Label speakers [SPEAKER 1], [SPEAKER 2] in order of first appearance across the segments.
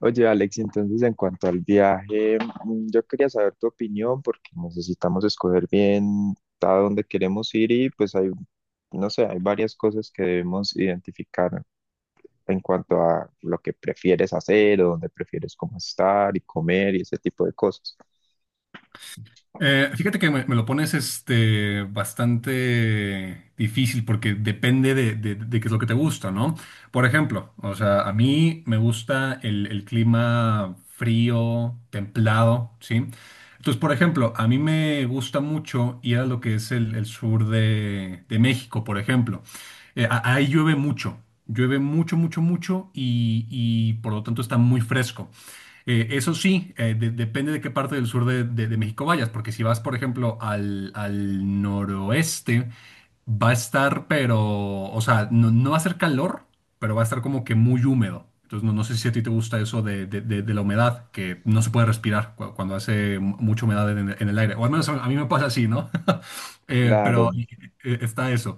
[SPEAKER 1] Oye, Alex, entonces en cuanto al viaje, yo quería saber tu opinión porque necesitamos escoger bien a dónde queremos ir y pues hay, no sé, hay varias cosas que debemos identificar en cuanto a lo que prefieres hacer o dónde prefieres cómo estar y comer y ese tipo de cosas.
[SPEAKER 2] Fíjate que me lo pones bastante difícil porque depende de qué es lo que te gusta, ¿no? Por ejemplo, o sea, a mí me gusta el clima frío, templado, ¿sí? Entonces, por ejemplo, a mí me gusta mucho ir a lo que es el sur de México, por ejemplo. Ahí llueve mucho, mucho, mucho y por lo tanto está muy fresco. Eso sí, depende de qué parte del sur de México vayas, porque si vas, por ejemplo, al noroeste, va a estar, pero, o sea, no, no va a ser calor, pero va a estar como que muy húmedo. Entonces, no, no sé si a ti te gusta eso de la humedad, que no se puede respirar cuando hace mucha humedad en el aire. O al menos a mí me pasa así, ¿no? Pero
[SPEAKER 1] Claro.
[SPEAKER 2] está eso.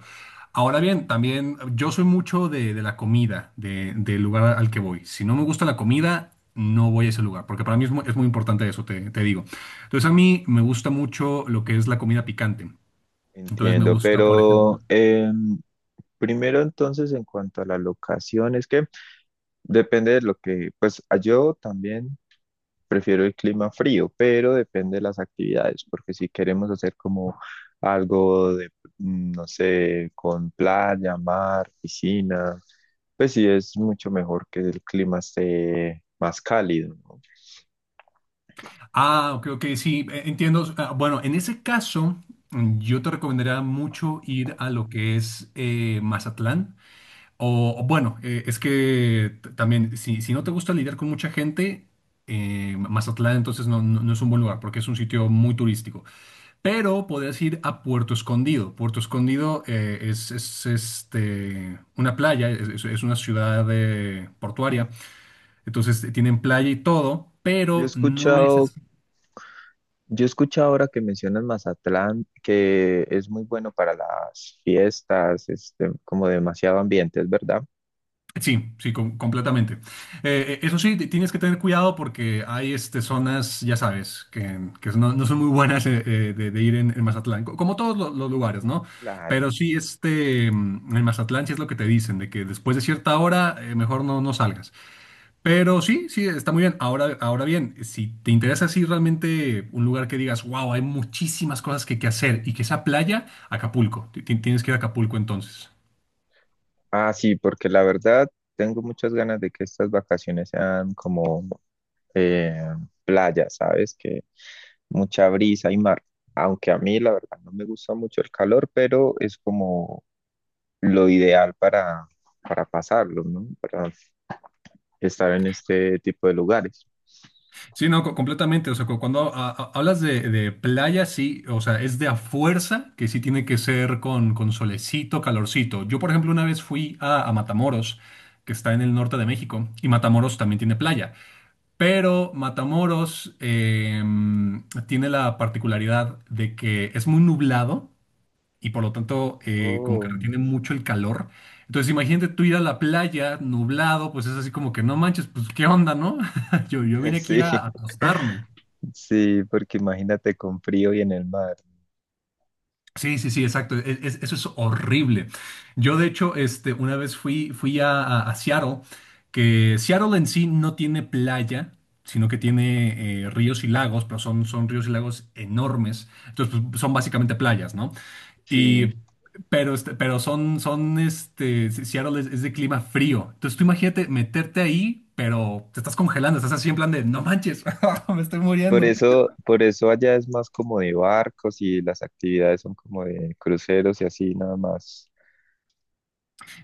[SPEAKER 2] Ahora bien, también yo soy mucho de la comida, del lugar al que voy. Si no me gusta la comida, no voy a ese lugar, porque para mí es muy importante eso, te digo. Entonces a mí me gusta mucho lo que es la comida picante. Entonces me
[SPEAKER 1] Entiendo,
[SPEAKER 2] gusta, por
[SPEAKER 1] pero
[SPEAKER 2] ejemplo.
[SPEAKER 1] primero entonces en cuanto a la locación, es que depende de lo que, pues yo también prefiero el clima frío, pero depende de las actividades, porque si queremos hacer como algo de, no sé, con playa, mar, piscina, pues sí es mucho mejor que el clima esté más cálido, ¿no?
[SPEAKER 2] Ah, creo que sí, entiendo. Ah, bueno, en ese caso, yo te recomendaría mucho ir a lo que es Mazatlán. O bueno, es que también, si, si no te gusta lidiar con mucha gente, Mazatlán entonces no es un buen lugar porque es un sitio muy turístico. Pero podrías ir a Puerto Escondido. Puerto Escondido es, una playa, es una ciudad portuaria. Entonces tienen playa y todo,
[SPEAKER 1] Yo he
[SPEAKER 2] pero no es...
[SPEAKER 1] escuchado, yo he escuchado ahora que mencionas Mazatlán, que es muy bueno para las fiestas, este, como demasiado ambiente, ¿es verdad?
[SPEAKER 2] Sí, sí, completamente. Eso sí, tienes que tener cuidado porque hay este, zonas, ya sabes, que no, no son muy buenas de ir en Mazatlán, como todos los, lugares, ¿no?
[SPEAKER 1] Claro.
[SPEAKER 2] Pero sí, este, mm, en Mazatlán sí es lo que te dicen, de que después de cierta hora mejor no, no salgas. Pero sí, sí, está muy bien. Ahora, ahora bien, si te interesa así realmente un lugar que digas, wow, hay muchísimas cosas que hacer y que esa playa, Acapulco, tienes que ir a Acapulco entonces.
[SPEAKER 1] Ah, sí, porque la verdad tengo muchas ganas de que estas vacaciones sean como eh, playa, ¿sabes? Que mucha brisa y mar. Aunque a mí la verdad no me gusta mucho el calor, pero es como lo ideal para pasarlo, ¿no? Para estar en este tipo de lugares.
[SPEAKER 2] Sí, no, completamente. O sea, cuando hablas de playa, sí, o sea, es de a fuerza que sí tiene que ser con solecito, calorcito. Yo, por ejemplo, una vez fui a Matamoros, que está en el norte de México, y Matamoros también tiene playa. Pero Matamoros tiene la particularidad de que es muy nublado y por lo tanto como que
[SPEAKER 1] Oh.
[SPEAKER 2] retiene mucho el calor. Entonces imagínate tú ir a la playa nublado, pues es así como que no manches, pues qué onda, ¿no? Yo vine aquí
[SPEAKER 1] Sí,
[SPEAKER 2] a acostarme.
[SPEAKER 1] sí, porque imagínate con frío y en el mar.
[SPEAKER 2] Sí, sí, sí, exacto. Eso es horrible. Yo, de hecho, este, una vez fui, fui a Seattle, que Seattle en sí no tiene playa, sino que tiene ríos y lagos, pero son, son ríos y lagos enormes. Entonces, pues, son básicamente playas, ¿no?
[SPEAKER 1] Sí.
[SPEAKER 2] Y, pero, este, pero son, son, este, Seattle es de clima frío. Entonces, tú imagínate meterte ahí, pero te estás congelando, estás así en plan de, no manches, me estoy muriendo.
[SPEAKER 1] Por eso allá es más como de barcos y las actividades son como de cruceros y así nada más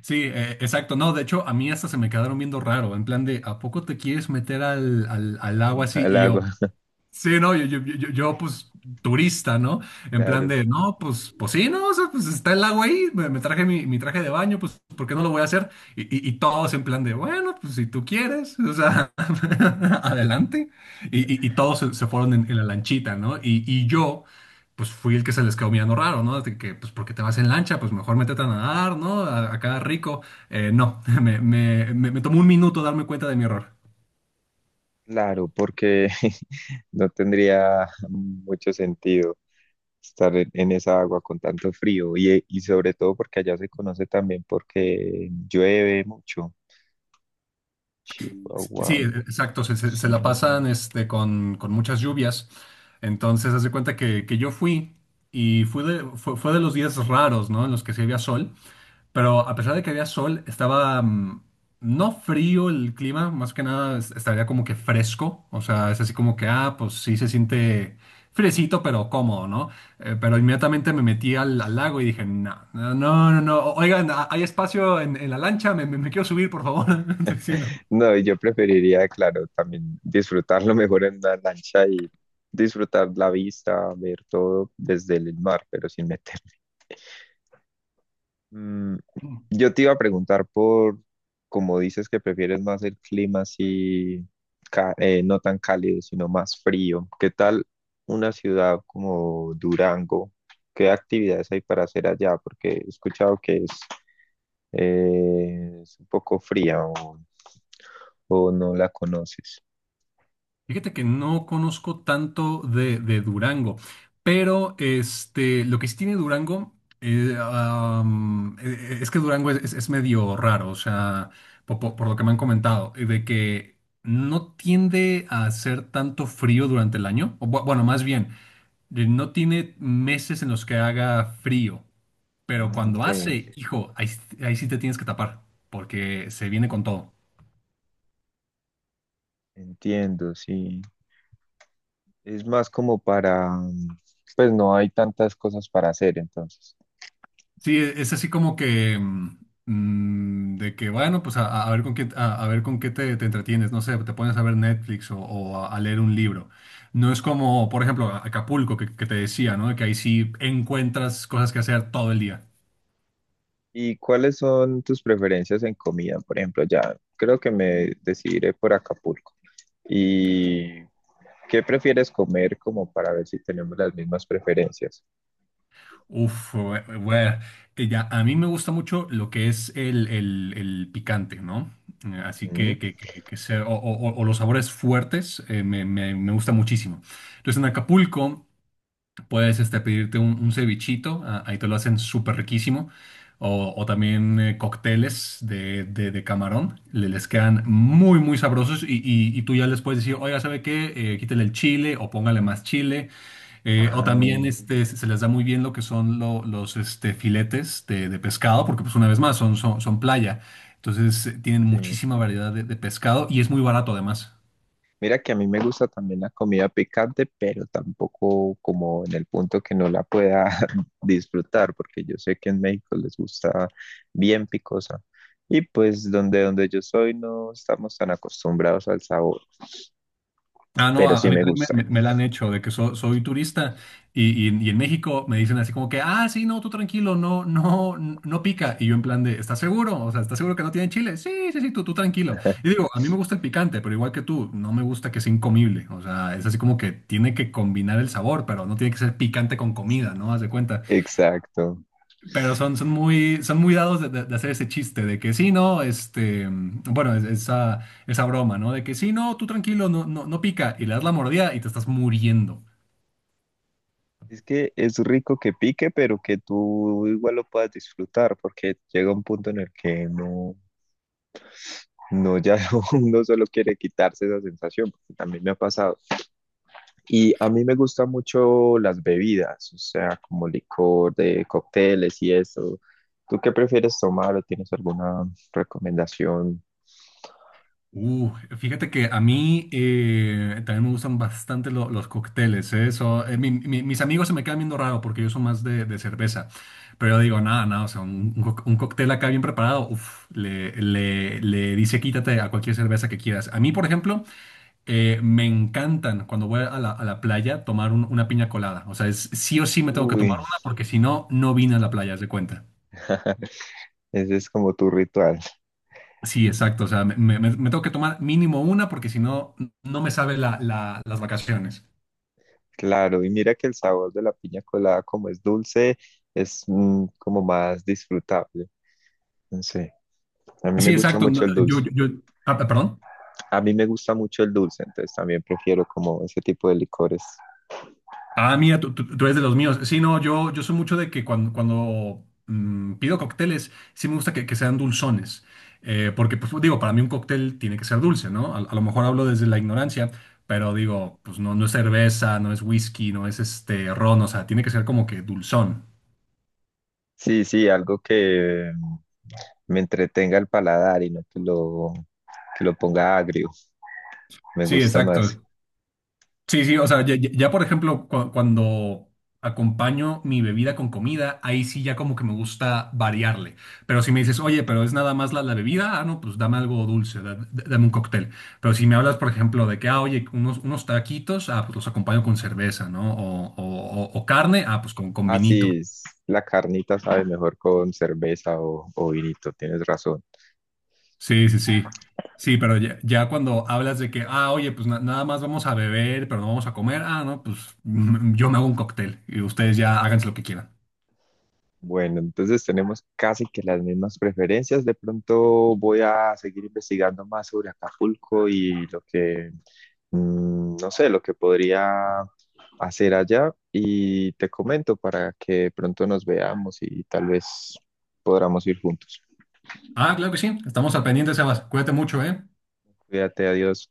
[SPEAKER 2] Sí, exacto. No, de hecho, a mí hasta se me quedaron viendo raro, en plan de, ¿a poco te quieres meter al agua así?
[SPEAKER 1] al
[SPEAKER 2] Y yo,
[SPEAKER 1] agua.
[SPEAKER 2] sí, no, yo, pues turista, ¿no? En plan
[SPEAKER 1] Claro,
[SPEAKER 2] de, no, pues, pues sí, no, o sea, pues está el lago ahí, me traje mi traje de baño, pues, ¿por qué no lo voy a hacer? Y, y todos en plan de, bueno, pues si tú quieres, o sea, adelante. Y, y todos se, se fueron en la lanchita, ¿no? Y yo, pues fui el que se les quedó mirando raro, ¿no? De que, pues, ¿por qué te vas en lancha? Pues mejor métete a nadar, ¿no? Acá rico. No, me tomó un minuto darme cuenta de mi error.
[SPEAKER 1] claro, porque no tendría mucho sentido. Estar en esa agua con tanto frío y sobre todo porque allá se conoce también porque llueve mucho. Chihuahua.
[SPEAKER 2] Sí, exacto, se la
[SPEAKER 1] Sonora.
[SPEAKER 2] pasan este, con muchas lluvias. Entonces, haz de cuenta que yo fui y fui fue de los días raros, ¿no? En los que sí había sol, pero a pesar de que había sol, estaba no frío el clima, más que nada estaría como que fresco, o sea, es así como que, ah, pues sí se siente fresito, pero cómodo, ¿no? Pero
[SPEAKER 1] Mm.
[SPEAKER 2] inmediatamente me metí al lago y dije, no, no, no, no, no, oigan, ¿hay espacio en la lancha? Me quiero subir, por favor. Sí,
[SPEAKER 1] No, y yo preferiría, claro, también disfrutarlo mejor en una lancha y disfrutar la vista, ver todo desde el mar, pero sin meterme. Mm,
[SPEAKER 2] no.
[SPEAKER 1] yo te iba a preguntar por, como dices que prefieres más el clima así, no tan cálido, sino más frío. ¿Qué tal una ciudad como Durango? ¿Qué actividades hay para hacer allá? Porque he escuchado que es un poco fría o no la conoces.
[SPEAKER 2] Fíjate que no conozco tanto de Durango, pero este, lo que sí tiene Durango es que Durango es, es medio raro, o sea, por, lo que me han comentado, de que no tiende a hacer tanto frío durante el año, o bueno, más bien, no tiene meses en los que haga frío,
[SPEAKER 1] Ah,
[SPEAKER 2] pero
[SPEAKER 1] ok,
[SPEAKER 2] cuando hace, hijo, ahí, ahí sí te tienes que tapar, porque se viene con todo.
[SPEAKER 1] entiendo, sí. Es más como para, pues no hay tantas cosas para hacer entonces.
[SPEAKER 2] Sí, es así como que de que bueno, pues a ver con qué a ver con qué te entretienes, no sé, te pones a ver Netflix o, a leer un libro. No es como, por ejemplo, Acapulco que te decía, ¿no? Que ahí sí encuentras cosas que hacer todo el día.
[SPEAKER 1] ¿Y cuáles son tus preferencias en comida? Por ejemplo, ya creo que me decidiré por Acapulco. ¿Y qué prefieres comer como para ver si tenemos las mismas preferencias?
[SPEAKER 2] Uf, bueno, ya a mí me gusta mucho lo que es el picante, ¿no? Así
[SPEAKER 1] Mm.
[SPEAKER 2] que, que o los sabores fuertes me gusta muchísimo. Entonces en Acapulco puedes este, pedirte un cevichito, ah, ahí te lo hacen súper riquísimo. O también cócteles de camarón, les quedan muy, muy sabrosos. Y, y tú ya les puedes decir, oiga, ¿sabe qué? Quítele el chile o póngale más chile. O
[SPEAKER 1] Ah,
[SPEAKER 2] también este, se se les da muy bien lo que son los este, filetes de pescado, porque pues una vez más son, son, son playa. Entonces tienen
[SPEAKER 1] sí.
[SPEAKER 2] muchísima variedad de pescado y es muy barato además.
[SPEAKER 1] Mira que a mí me gusta también la comida picante, pero tampoco como en el punto que no la pueda disfrutar, porque yo sé que en México les gusta bien picosa. Y pues donde, donde yo soy no estamos tan acostumbrados al sabor.
[SPEAKER 2] Ah, no,
[SPEAKER 1] Pero
[SPEAKER 2] a
[SPEAKER 1] sí
[SPEAKER 2] mí
[SPEAKER 1] me
[SPEAKER 2] también
[SPEAKER 1] gusta.
[SPEAKER 2] me la han hecho, de que soy turista y, y en México me dicen así como que, ah, sí, no, tú tranquilo, no, no, no pica. Y yo en plan de, ¿estás seguro? O sea, ¿estás seguro que no tiene chile? Sí, sí, sí, tú tranquilo. Y digo, a mí me gusta el picante, pero igual que tú, no me gusta que sea incomible. O sea, es así como que tiene que combinar el sabor, pero no tiene que ser picante con
[SPEAKER 1] Es,
[SPEAKER 2] comida, ¿no? Haz de cuenta.
[SPEAKER 1] exacto.
[SPEAKER 2] Pero son, son muy dados de hacer ese chiste de que sí, no, este, mm, bueno, esa, esa broma, ¿no? De que sí, no, tú tranquilo, no, no, no pica, y le das la mordida y te estás muriendo.
[SPEAKER 1] Es que es rico que pique, pero que tú igual lo puedas disfrutar, porque llega un punto en el que no, no, ya no, uno solo quiere quitarse esa sensación, porque también me ha pasado. Y a mí me gustan mucho las bebidas, o sea, como licor de cócteles y eso. ¿Tú qué prefieres tomar o tienes alguna recomendación?
[SPEAKER 2] Uh, fíjate que a mí también me gustan bastante los cócteles, ¿eh? So, mis amigos se me quedan viendo raro porque yo soy más de cerveza, pero yo digo, nada, nada, o sea, un, un cóctel acá bien preparado, uf, le dice quítate a cualquier cerveza que quieras. A mí, por ejemplo... me encantan cuando voy a la playa tomar una piña colada. O sea, es, sí o sí me tengo que
[SPEAKER 1] Uy,
[SPEAKER 2] tomar una porque si no, no vine a la playa, haz de cuenta.
[SPEAKER 1] ese es como tu ritual.
[SPEAKER 2] Sí, exacto. O sea, me tengo que tomar mínimo una porque si no, no me sabe las vacaciones.
[SPEAKER 1] Claro, y mira que el sabor de la piña colada, como es dulce, es como más disfrutable. No sé, a mí me
[SPEAKER 2] Sí,
[SPEAKER 1] gusta
[SPEAKER 2] exacto.
[SPEAKER 1] mucho
[SPEAKER 2] No,
[SPEAKER 1] el dulce.
[SPEAKER 2] ah, perdón.
[SPEAKER 1] A mí me gusta mucho el dulce, entonces también prefiero como ese tipo de licores.
[SPEAKER 2] Ah, mira, tú eres de los míos. Sí, no, yo soy mucho de que cuando, cuando pido cócteles, sí me gusta que sean dulzones. Porque, pues digo, para mí un cóctel tiene que ser dulce, ¿no? A lo mejor hablo desde la ignorancia, pero digo, pues no, no es cerveza, no es whisky, no es este ron, o sea, tiene que ser como que dulzón.
[SPEAKER 1] Sí, sí, algo que me entretenga el paladar y no que lo, que lo ponga agrio. Me
[SPEAKER 2] Sí,
[SPEAKER 1] gusta más.
[SPEAKER 2] exacto. Sí, sí, o sea, ya, por ejemplo, cuando acompaño mi bebida con comida, ahí sí ya como que me gusta variarle. Pero si me dices, oye, pero es nada más la, la bebida, ah, no, pues dame algo dulce, dame un cóctel. Pero si me hablas, por ejemplo, de que, ah, oye, unos, unos taquitos, ah, pues los acompaño con cerveza, ¿no? O, o carne, ah, pues con
[SPEAKER 1] Ah,
[SPEAKER 2] vinito.
[SPEAKER 1] sí, la carnita sabe mejor con cerveza o vinito, tienes razón.
[SPEAKER 2] Sí, sí, sí. Sí, pero ya, ya cuando hablas de que, ah, oye, pues nada más vamos a beber, pero no vamos a comer, ah, no, pues mm, yo me hago un cóctel y ustedes ya háganse lo que quieran.
[SPEAKER 1] Bueno, entonces tenemos casi que las mismas preferencias. De pronto voy a seguir investigando más sobre Acapulco y lo que, mm, no sé, lo que podría hacer allá y te comento para que pronto nos veamos y tal vez podamos ir juntos.
[SPEAKER 2] Ah, claro que sí. Estamos al pendiente, Sebas. Cuídate mucho, ¿eh?
[SPEAKER 1] Cuídate, adiós.